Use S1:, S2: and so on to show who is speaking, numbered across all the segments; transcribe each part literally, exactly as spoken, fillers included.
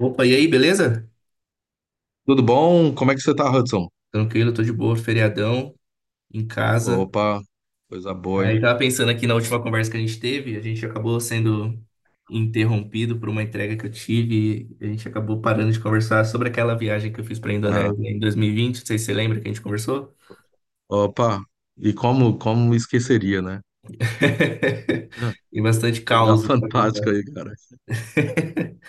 S1: Opa, e aí, beleza?
S2: Tudo bom? Como é que você tá, Hudson?
S1: Tranquilo, tô de boa, feriadão, em casa.
S2: Opa, coisa boa,
S1: Aí
S2: hein?
S1: tava pensando aqui na última conversa que a gente teve, a gente acabou sendo interrompido por uma entrega que eu tive, e a gente acabou parando de conversar sobre aquela viagem que eu fiz pra
S2: Ah,
S1: Indonésia em dois mil e vinte, não sei se você lembra que a gente conversou.
S2: opa, e como, como esqueceria, né? Ah,
S1: E bastante
S2: lugar
S1: caos pra
S2: fantástico
S1: contar.
S2: aí, cara.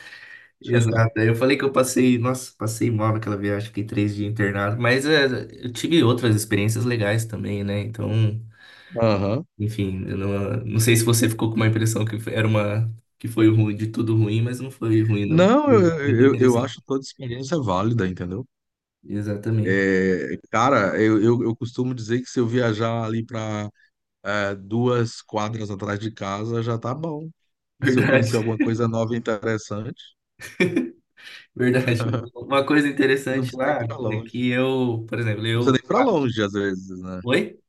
S1: Exato. Aí eu falei que eu passei, nossa, passei mal naquela viagem, fiquei três dias internado, mas é, eu tive outras experiências legais também, né? Então,
S2: Aham.
S1: enfim, eu não, não sei se você ficou com uma impressão que foi- era uma que foi ruim, de tudo ruim, mas não foi ruim, não.
S2: Não, eu,
S1: Muito
S2: eu, eu
S1: interessante.
S2: acho toda experiência válida, entendeu?
S1: Exatamente.
S2: É, cara, eu, eu, eu costumo dizer que se eu viajar ali para duas quadras atrás de casa, já tá bom. Se eu conhecer
S1: Verdade,
S2: alguma coisa nova e interessante,
S1: verdade. Uma coisa
S2: não
S1: interessante
S2: precisa nem
S1: lá
S2: ir pra
S1: é
S2: longe.
S1: que eu, por exemplo,
S2: Não precisa nem
S1: eu.
S2: ir pra longe, às vezes, né?
S1: Oi?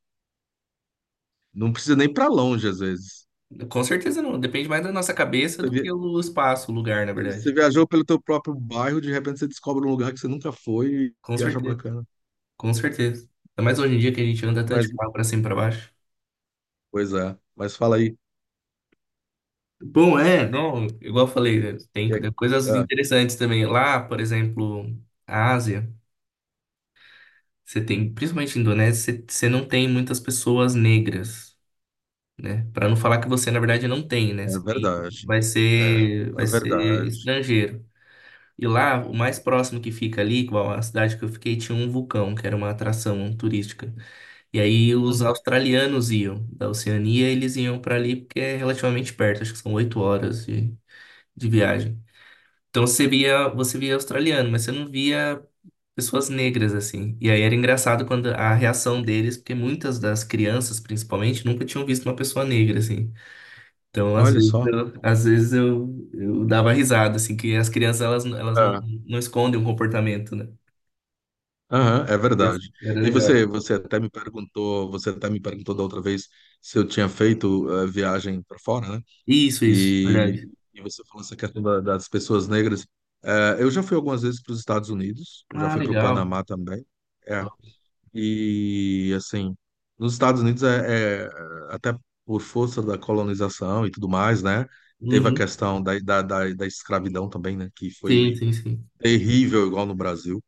S2: Não precisa nem ir pra longe, às vezes.
S1: Com certeza não. Depende mais da nossa cabeça
S2: Você
S1: do que
S2: vi-
S1: o espaço, o lugar, na
S2: Você
S1: verdade.
S2: viajou pelo teu próprio bairro, de repente você descobre um lugar que você nunca foi
S1: Com
S2: e acha
S1: certeza,
S2: bacana.
S1: com certeza. Ainda mais hoje em dia que a gente anda tanto de
S2: Mas,
S1: carro pra cima e pra baixo.
S2: pois é, mas fala aí.
S1: Bom, é, não, igual eu falei, né, tem
S2: É,
S1: tem coisas
S2: é,
S1: interessantes também. Lá, por exemplo, a Ásia. Você tem, principalmente na Indonésia, você você não tem muitas pessoas negras, né? Para não falar que você, na verdade, não tem, né?
S2: é
S1: Você tem,
S2: verdade.
S1: vai
S2: É,
S1: ser, vai
S2: é
S1: ser
S2: verdade.
S1: estrangeiro. E lá, o mais próximo que fica ali, igual a cidade que eu fiquei, tinha um vulcão, que era uma atração turística. E aí os
S2: Uhum.
S1: australianos iam da Oceania, eles iam para ali porque é relativamente perto, acho que são oito horas de, de viagem. Então você via, você via australiano, mas você não via pessoas negras, assim. E aí era engraçado quando a reação deles, porque muitas das crianças, principalmente, nunca tinham visto uma pessoa negra, assim. Então, às
S2: Olha
S1: vezes,
S2: só.
S1: eu, às vezes eu, eu dava risada, assim, que as crianças, elas, elas não,
S2: É,
S1: não escondem um comportamento, né?
S2: aham, é
S1: Mas
S2: verdade.
S1: era
S2: E
S1: legal.
S2: você, você até me perguntou, você até me perguntou da outra vez se eu tinha feito eh, viagem para fora, né?
S1: Isso, isso,
S2: E,
S1: verdade.
S2: e você falou essa questão da- das pessoas negras. Eh, eu já fui algumas vezes para os Estados Unidos, eu já
S1: Ah,
S2: fui para o
S1: legal.
S2: Panamá também. É, e assim, nos Estados Unidos é, é- até por força da colonização e tudo mais, né? Teve a
S1: Uhum.
S2: questão da, da, da, da escravidão também, né? Que
S1: Sim,
S2: foi
S1: sim, sim.
S2: terrível, igual no Brasil.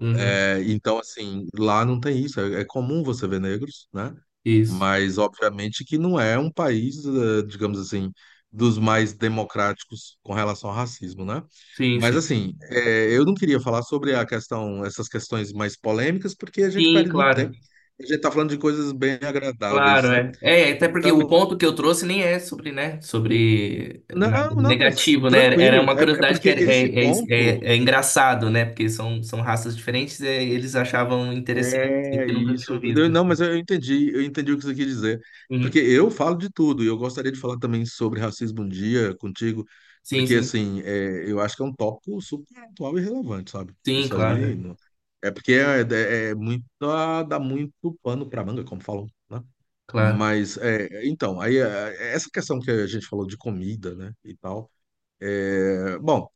S1: Uhum.
S2: É, Então, assim, lá não tem isso. É, é comum você ver negros, né?
S1: Isso.
S2: Mas, obviamente, que não é um país, eh, digamos assim, dos mais democráticos com relação ao racismo, né?
S1: Sim,
S2: Mas,
S1: sim.
S2: assim, eh, eu não queria falar sobre a questão, essas questões mais polêmicas, porque a gente
S1: Sim,
S2: perde muito
S1: claro.
S2: tempo. A gente está falando de coisas bem
S1: Claro,
S2: agradáveis, né?
S1: é. É, até porque o
S2: Então,
S1: ponto que eu trouxe nem é sobre, né, sobre
S2: não,
S1: nada de
S2: não, mas
S1: negativo, né? Era
S2: tranquilo.
S1: uma
S2: É, é
S1: curiosidade que
S2: porque
S1: é,
S2: esse
S1: é, é,
S2: ponto.
S1: é- é engraçado, né? Porque são, são raças diferentes, é, eles achavam interessante, assim,
S2: É
S1: porque nunca tinham
S2: isso. Eu-
S1: visto.
S2: não, mas eu entendi, eu entendi o que você quis dizer. Porque
S1: Uhum.
S2: eu falo de tudo, e eu gostaria de falar também sobre racismo um dia contigo,
S1: Sim,
S2: porque
S1: sim.
S2: assim, é, eu acho que é um tópico super atual e relevante, sabe?
S1: Sim,
S2: Isso
S1: claro,
S2: aí
S1: é.
S2: não- É porque é, é- é muito, dá dá muito pano pra manga, como falam, né?
S1: Claro.
S2: Mas é, então, aí é, essa questão que a gente falou de comida, né? E tal. é, bom,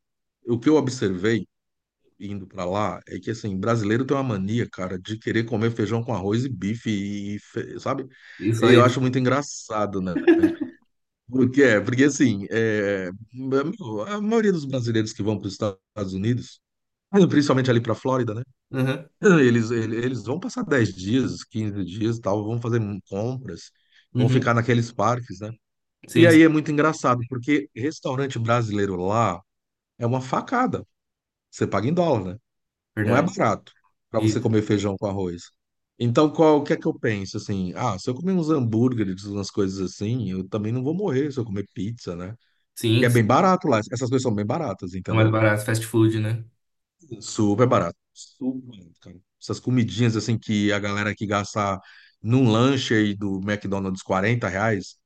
S2: o que eu observei indo pra lá é que, assim, brasileiro tem uma mania, cara, de querer comer feijão com arroz e bife, e, fe- sabe?
S1: E
S2: E
S1: só
S2: eu acho
S1: isso.
S2: muito engraçado, né? Porque, é, porque assim, é, meu, a maioria dos brasileiros que vão para os Estados Unidos, principalmente ali para a Flórida, né?
S1: Uhum.
S2: Eles, ele- eles vão passar dez dias, quinze dias e tal, vão fazer compras, vão
S1: Uhum.
S2: ficar naqueles parques, né? E
S1: Sim, sim.
S2: aí é muito engraçado, porque restaurante brasileiro lá é uma facada. Você paga em dólar, né? Não é
S1: Verdade.
S2: barato para você
S1: Isso.
S2: comer feijão com arroz. Então, qual, o que é que eu penso? Assim, ah, se eu comer uns hambúrgueres, umas coisas assim, eu também não vou morrer se eu comer pizza, né? Que
S1: Sim,
S2: é
S1: sim.
S2: bem barato lá. Essas coisas são bem baratas,
S1: São mais
S2: entendeu?
S1: baratos, fast food, né?
S2: Super barato. Super barato, cara. Essas comidinhas, assim, que a galera que gasta num lanche aí do McDonald's quarenta reais,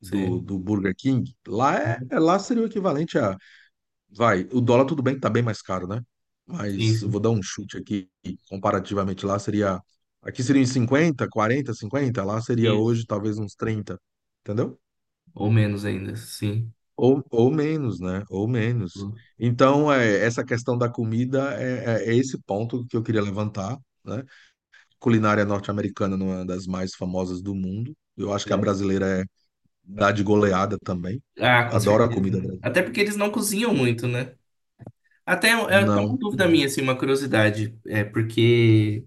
S2: do,
S1: Sim.
S2: do Burger King, lá, é,
S1: Uhum.
S2: é- lá seria o equivalente a vai, o dólar tudo bem que tá bem mais caro, né?
S1: Sim,
S2: Mas eu vou
S1: sim.
S2: dar um chute aqui, comparativamente lá seria, aqui seria uns cinquenta, quarenta, cinquenta, lá seria
S1: Isso.
S2: hoje talvez uns trinta, entendeu?
S1: Ou menos ainda, sim.
S2: Ou, ou menos, né? Ou menos. Então, é, essa questão da comida é, é- é esse ponto que eu queria levantar, né? Culinária norte-americana não é uma das mais famosas do mundo. Eu acho que a
S1: É.
S2: brasileira é, dá de goleada também.
S1: Ah, com
S2: Adoro a
S1: certeza,
S2: comida
S1: né? Até
S2: brasileira.
S1: porque eles não cozinham muito, né? Até é é até uma
S2: Não,
S1: dúvida
S2: não.
S1: minha, assim, uma curiosidade. É porque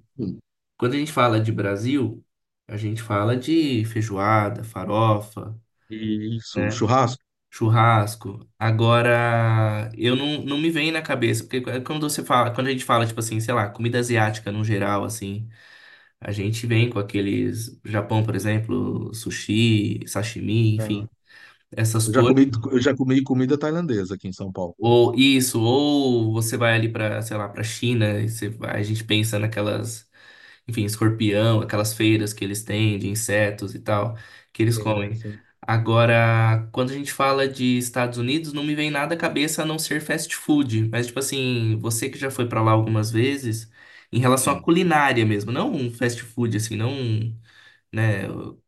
S1: quando a gente fala de Brasil, a gente fala de feijoada, farofa,
S2: Isso,
S1: né?
S2: churrasco.
S1: Churrasco. Agora, eu não, não me vem na cabeça, porque é quando você fala, quando a gente fala, tipo assim, sei lá, comida asiática no geral, assim, a gente vem com aqueles, Japão, por exemplo, sushi, sashimi, enfim, essas
S2: Eu já
S1: coisas.
S2: comi, eu já comi comida tailandesa aqui em São Paulo.
S1: Ou isso, ou você vai ali para, sei lá, para China, e você vai- a gente pensa naquelas, enfim, escorpião, aquelas feiras que eles têm de insetos e tal, que eles
S2: Sim,
S1: comem.
S2: sim.
S1: Agora, quando a gente fala de Estados Unidos, não me vem nada à cabeça a não ser fast food, mas tipo assim, você que já foi para lá algumas vezes, em relação à
S2: Hum.
S1: culinária mesmo, não um fast food assim, não, um, né,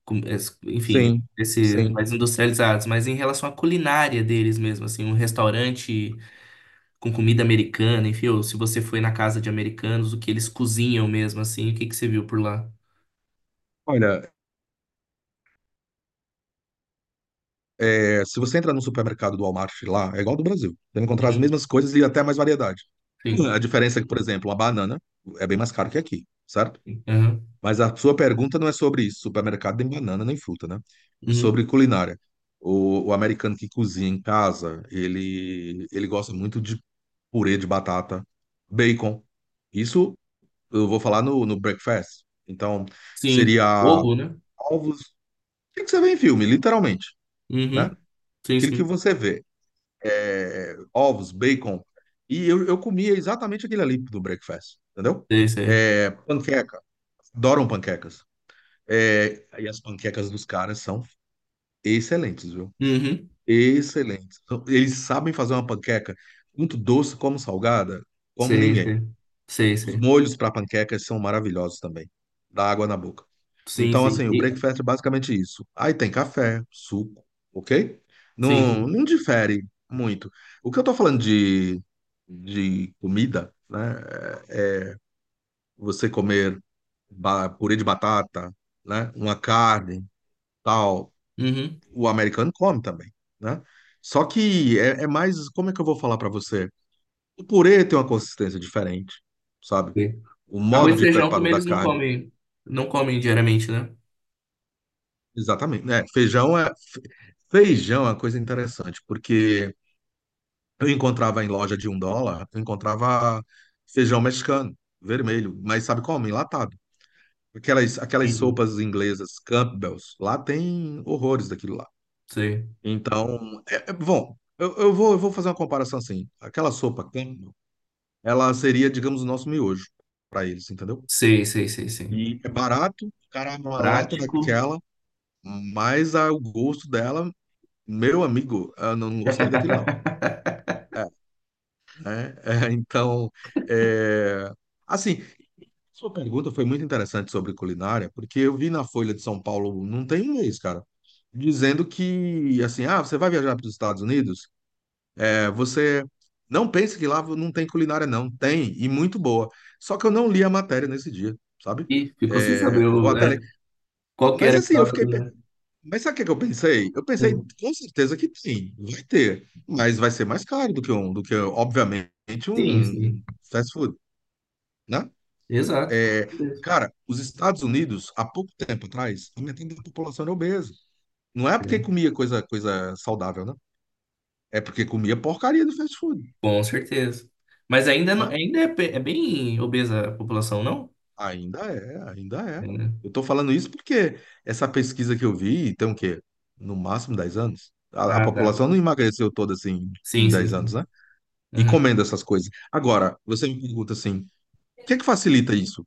S1: com- es- enfim,
S2: Sim,
S1: esses
S2: sim.
S1: mais industrializados, mas em relação à culinária deles mesmo, assim, um restaurante com comida americana, enfim, ou se você foi na casa de americanos, o que eles cozinham mesmo, assim, o que que você viu por lá?
S2: Olha, é, se você entrar no supermercado do Walmart lá, é igual ao do Brasil. Você vai encontrar as
S1: Uhum,
S2: mesmas coisas e até mais variedade.
S1: sim.
S2: A diferença é que, por exemplo, a banana é bem mais caro que aqui, certo?
S1: Aham.
S2: Mas a sua pergunta não é sobre isso. Supermercado nem banana nem fruta, né? É
S1: Uhum,
S2: sobre culinária. O, o americano que cozinha em casa, ele, ele gosta muito de purê de batata, bacon. Isso eu vou falar no, no breakfast. Então,
S1: sim.
S2: seria
S1: Ovo, né?
S2: ovos, o que você vê em filme, literalmente,
S1: Uhum,
S2: né?
S1: sim,
S2: Aquilo que
S1: sim.
S2: você vê, é, ovos, bacon. E eu, eu comia exatamente aquele ali do breakfast, entendeu?
S1: Sei, sei.
S2: É, panqueca, adoram panquecas. É, e as panquecas dos caras são excelentes, viu?
S1: Uhum,
S2: Excelentes. Então, eles sabem fazer uma panqueca muito doce como salgada, como
S1: sei,
S2: ninguém.
S1: sei. Sei,
S2: Os
S1: sei.
S2: molhos para panquecas são maravilhosos também. Dá água na boca.
S1: Sim,
S2: Então,
S1: sim.
S2: assim, o
S1: E,
S2: breakfast é basicamente isso. Aí tem café, suco, ok?
S1: sim,
S2: Não,
S1: sim.
S2: não difere muito. O que eu tô falando de, de comida, né? é Você comer ba- purê de batata, né? Uma carne, tal.
S1: Uhum,
S2: O americano come também, né? Só que é, é mais, como é que eu vou falar para você? O purê tem uma consistência diferente, sabe?
S1: sei.
S2: O modo
S1: Arroz e
S2: de
S1: feijão
S2: preparo
S1: também
S2: da
S1: eles não
S2: carne.
S1: comem, não comem diariamente, né?
S2: Exatamente, né? Feijão é fe- feijão é uma coisa interessante, porque eu encontrava em loja de um dólar, eu encontrava feijão mexicano, vermelho, mas sabe como? Enlatado. Aquelas, aquelas
S1: Entendi.
S2: sopas inglesas, Campbell's, lá tem horrores daquilo lá.
S1: Sei.
S2: Então, é, é- bom, eu, eu vou, eu vou fazer uma comparação assim. Aquela sopa Campbell, ela seria, digamos, o nosso miojo para eles, entendeu?
S1: Sei, sei, sei, sei.
S2: E é barato, o cara, abre uma lata
S1: Prático.
S2: daquela, mas ah, o gosto dela. Meu amigo, eu não gostei daquilo, não. Né? É, então, é, assim, sua pergunta foi muito interessante sobre culinária, porque eu vi na Folha de São Paulo, não tem um mês, cara, dizendo que, assim, ah, você vai viajar para os Estados Unidos? É, você não pense que lá não tem culinária, não. Tem, e muito boa. Só que eu não li a matéria nesse dia, sabe?
S1: Ih, ficou sem
S2: É,
S1: saber
S2: vou
S1: o,
S2: até ler.
S1: é, qual que
S2: Mas,
S1: era a
S2: assim, eu
S1: causa
S2: fiquei.
S1: do, né?
S2: Mas sabe o que é que eu pensei? Eu pensei, com certeza que tem, vai ter, mas vai ser mais caro do que um, do que, obviamente,
S1: Sim,
S2: um
S1: sim.
S2: um fast food, né?
S1: Exato, com
S2: É,
S1: certeza.
S2: cara, os Estados Unidos, há pouco tempo atrás, a metade da população era obesa. Não é porque
S1: É.
S2: comia coisa, coisa saudável, né? É porque comia porcaria do fast food,
S1: Com certeza. Mas ainda, não,
S2: né?
S1: ainda é, pe- é bem obesa a população, não?
S2: Ainda é, ainda é.
S1: É, né?
S2: Eu tô falando isso porque essa pesquisa que eu vi, tem o quê? No máximo dez anos. A, a
S1: Ah, tá.
S2: população não emagreceu toda assim em
S1: Sim, sim,
S2: dez anos,
S1: sim.
S2: né? E
S1: Aham.
S2: comendo essas coisas. Agora, você me pergunta assim, o que é que facilita isso?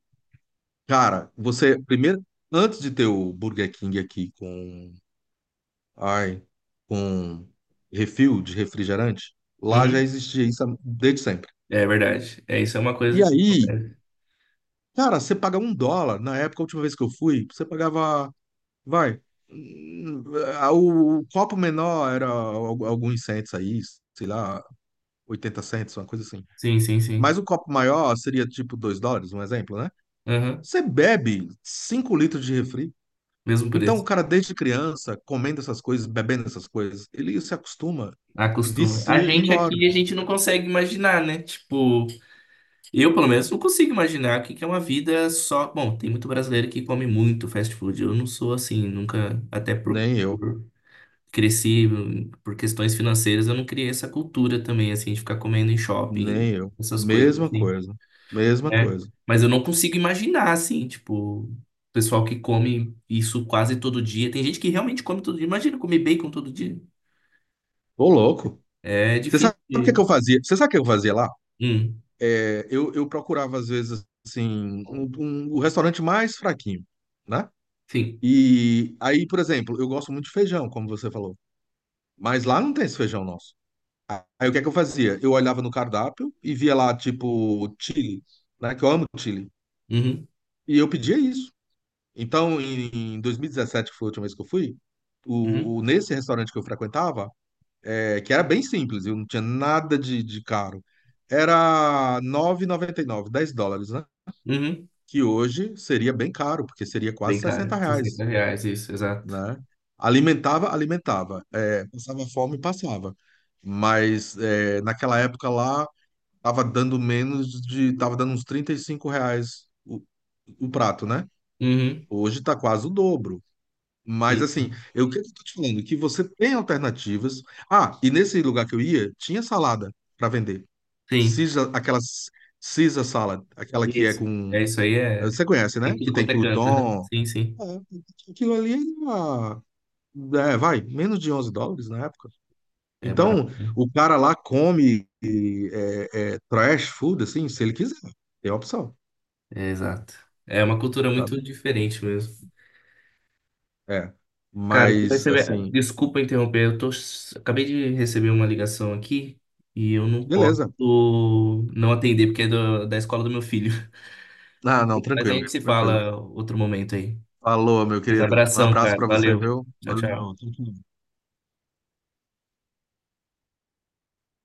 S2: Cara, você primeiro, antes de ter o Burger King aqui com, ai, com refil de refrigerante, lá já
S1: Uhum.
S2: existia isso desde sempre.
S1: É verdade. É, isso é uma coisa
S2: E
S1: que
S2: aí,
S1: acontece.
S2: cara, você paga um dólar. Na época, a última vez que eu fui, você pagava, vai, hum, ah, o, o copo menor era al- alguns centos aí, sei lá, oitenta centos, uma coisa assim.
S1: Sim, sim, sim.
S2: Mas o copo maior seria tipo dois dólares, um exemplo, né?
S1: Aham.
S2: Você bebe cinco litros de refri.
S1: Mesmo
S2: Então, o
S1: preço.
S2: cara, desde criança, comendo essas coisas, bebendo essas coisas, ele se acostuma,
S1: Acostuma. A
S2: vicia e
S1: gente
S2: engorda.
S1: aqui, a gente não consegue imaginar, né? Tipo, eu pelo menos não consigo imaginar o que que é uma vida só. Bom, tem muito brasileiro que come muito fast food. Eu não sou assim, nunca. Até por,
S2: Nem eu,
S1: cresci hum, por questões financeiras, eu não criei essa cultura também, assim, de ficar comendo em shopping,
S2: nem eu.
S1: essas coisas,
S2: Mesma
S1: assim,
S2: coisa, mesma
S1: né?
S2: coisa.
S1: Mas eu não consigo imaginar, assim, tipo, o pessoal que come isso quase todo dia. Tem gente que realmente come todo dia. Imagina comer bacon todo dia.
S2: Ô, louco.
S1: É
S2: Você
S1: difícil
S2: sabe o que é
S1: de-
S2: que eu fazia? Você sabe o que eu fazia lá?
S1: Hum,
S2: É, eu, eu procurava, às vezes, assim, um- um- o restaurante mais fraquinho, né?
S1: sim.
S2: E aí, por exemplo, eu gosto muito de feijão, como você falou. Mas lá não tem esse feijão nosso. Aí o que é que eu fazia? Eu olhava no cardápio e via lá, tipo, Chile, né? Que eu amo Chile.
S1: Uhum,
S2: E eu pedia isso. Então, em, em dois mil e dezessete, que foi a última vez que eu fui,
S1: uhum,
S2: o, o- nesse restaurante que eu frequentava, é, que era bem simples, eu não tinha nada de, de caro, era nove e noventa e nove dez dólares, né?
S1: uhum.
S2: Que hoje seria bem caro, porque seria quase
S1: Bem
S2: sessenta
S1: caro, sessenta
S2: reais,
S1: reais, isso, exato.
S2: né? Alimentava, alimentava. É, passava fome, passava. Mas é, naquela época lá, tava dando menos de. Tava dando uns trinta e cinco reais o, o prato, né?
S1: Uhum,
S2: Hoje tá quase o dobro. Mas
S1: sim,
S2: assim, eu o que eu tô te falando? Que você tem alternativas. Ah, e nesse lugar que eu ia, tinha salada para vender.
S1: sim.
S2: Caesar, aquela Caesar salad, aquela que é
S1: Isso.
S2: com.
S1: É isso aí, é.
S2: Você conhece, né?
S1: Em tudo
S2: Que tem
S1: quanto é canto, né?
S2: crouton.
S1: Sim, sim.
S2: É, aquilo ali era. É, vai, menos de onze dólares na época.
S1: É barato,
S2: Então,
S1: né?
S2: o cara lá come é, é, trash food, assim, se ele quiser. Tem a opção.
S1: É, exato. É uma cultura muito
S2: Sabe?
S1: diferente mesmo.
S2: É.
S1: Cara, tu vai
S2: Mas,
S1: receber-
S2: assim,
S1: desculpa interromper, eu tô, acabei de receber uma ligação aqui e eu não posso
S2: beleza.
S1: não atender porque é do- da escola do meu filho.
S2: Ah, não,
S1: Mas a
S2: tranquilo,
S1: gente se
S2: tranquilo.
S1: fala outro momento aí.
S2: Falou, meu
S1: Mas
S2: querido. Um
S1: abração,
S2: abraço
S1: cara.
S2: pra você,
S1: Valeu.
S2: viu?
S1: Tchau,
S2: Valeu,
S1: tchau.
S2: tranquilo.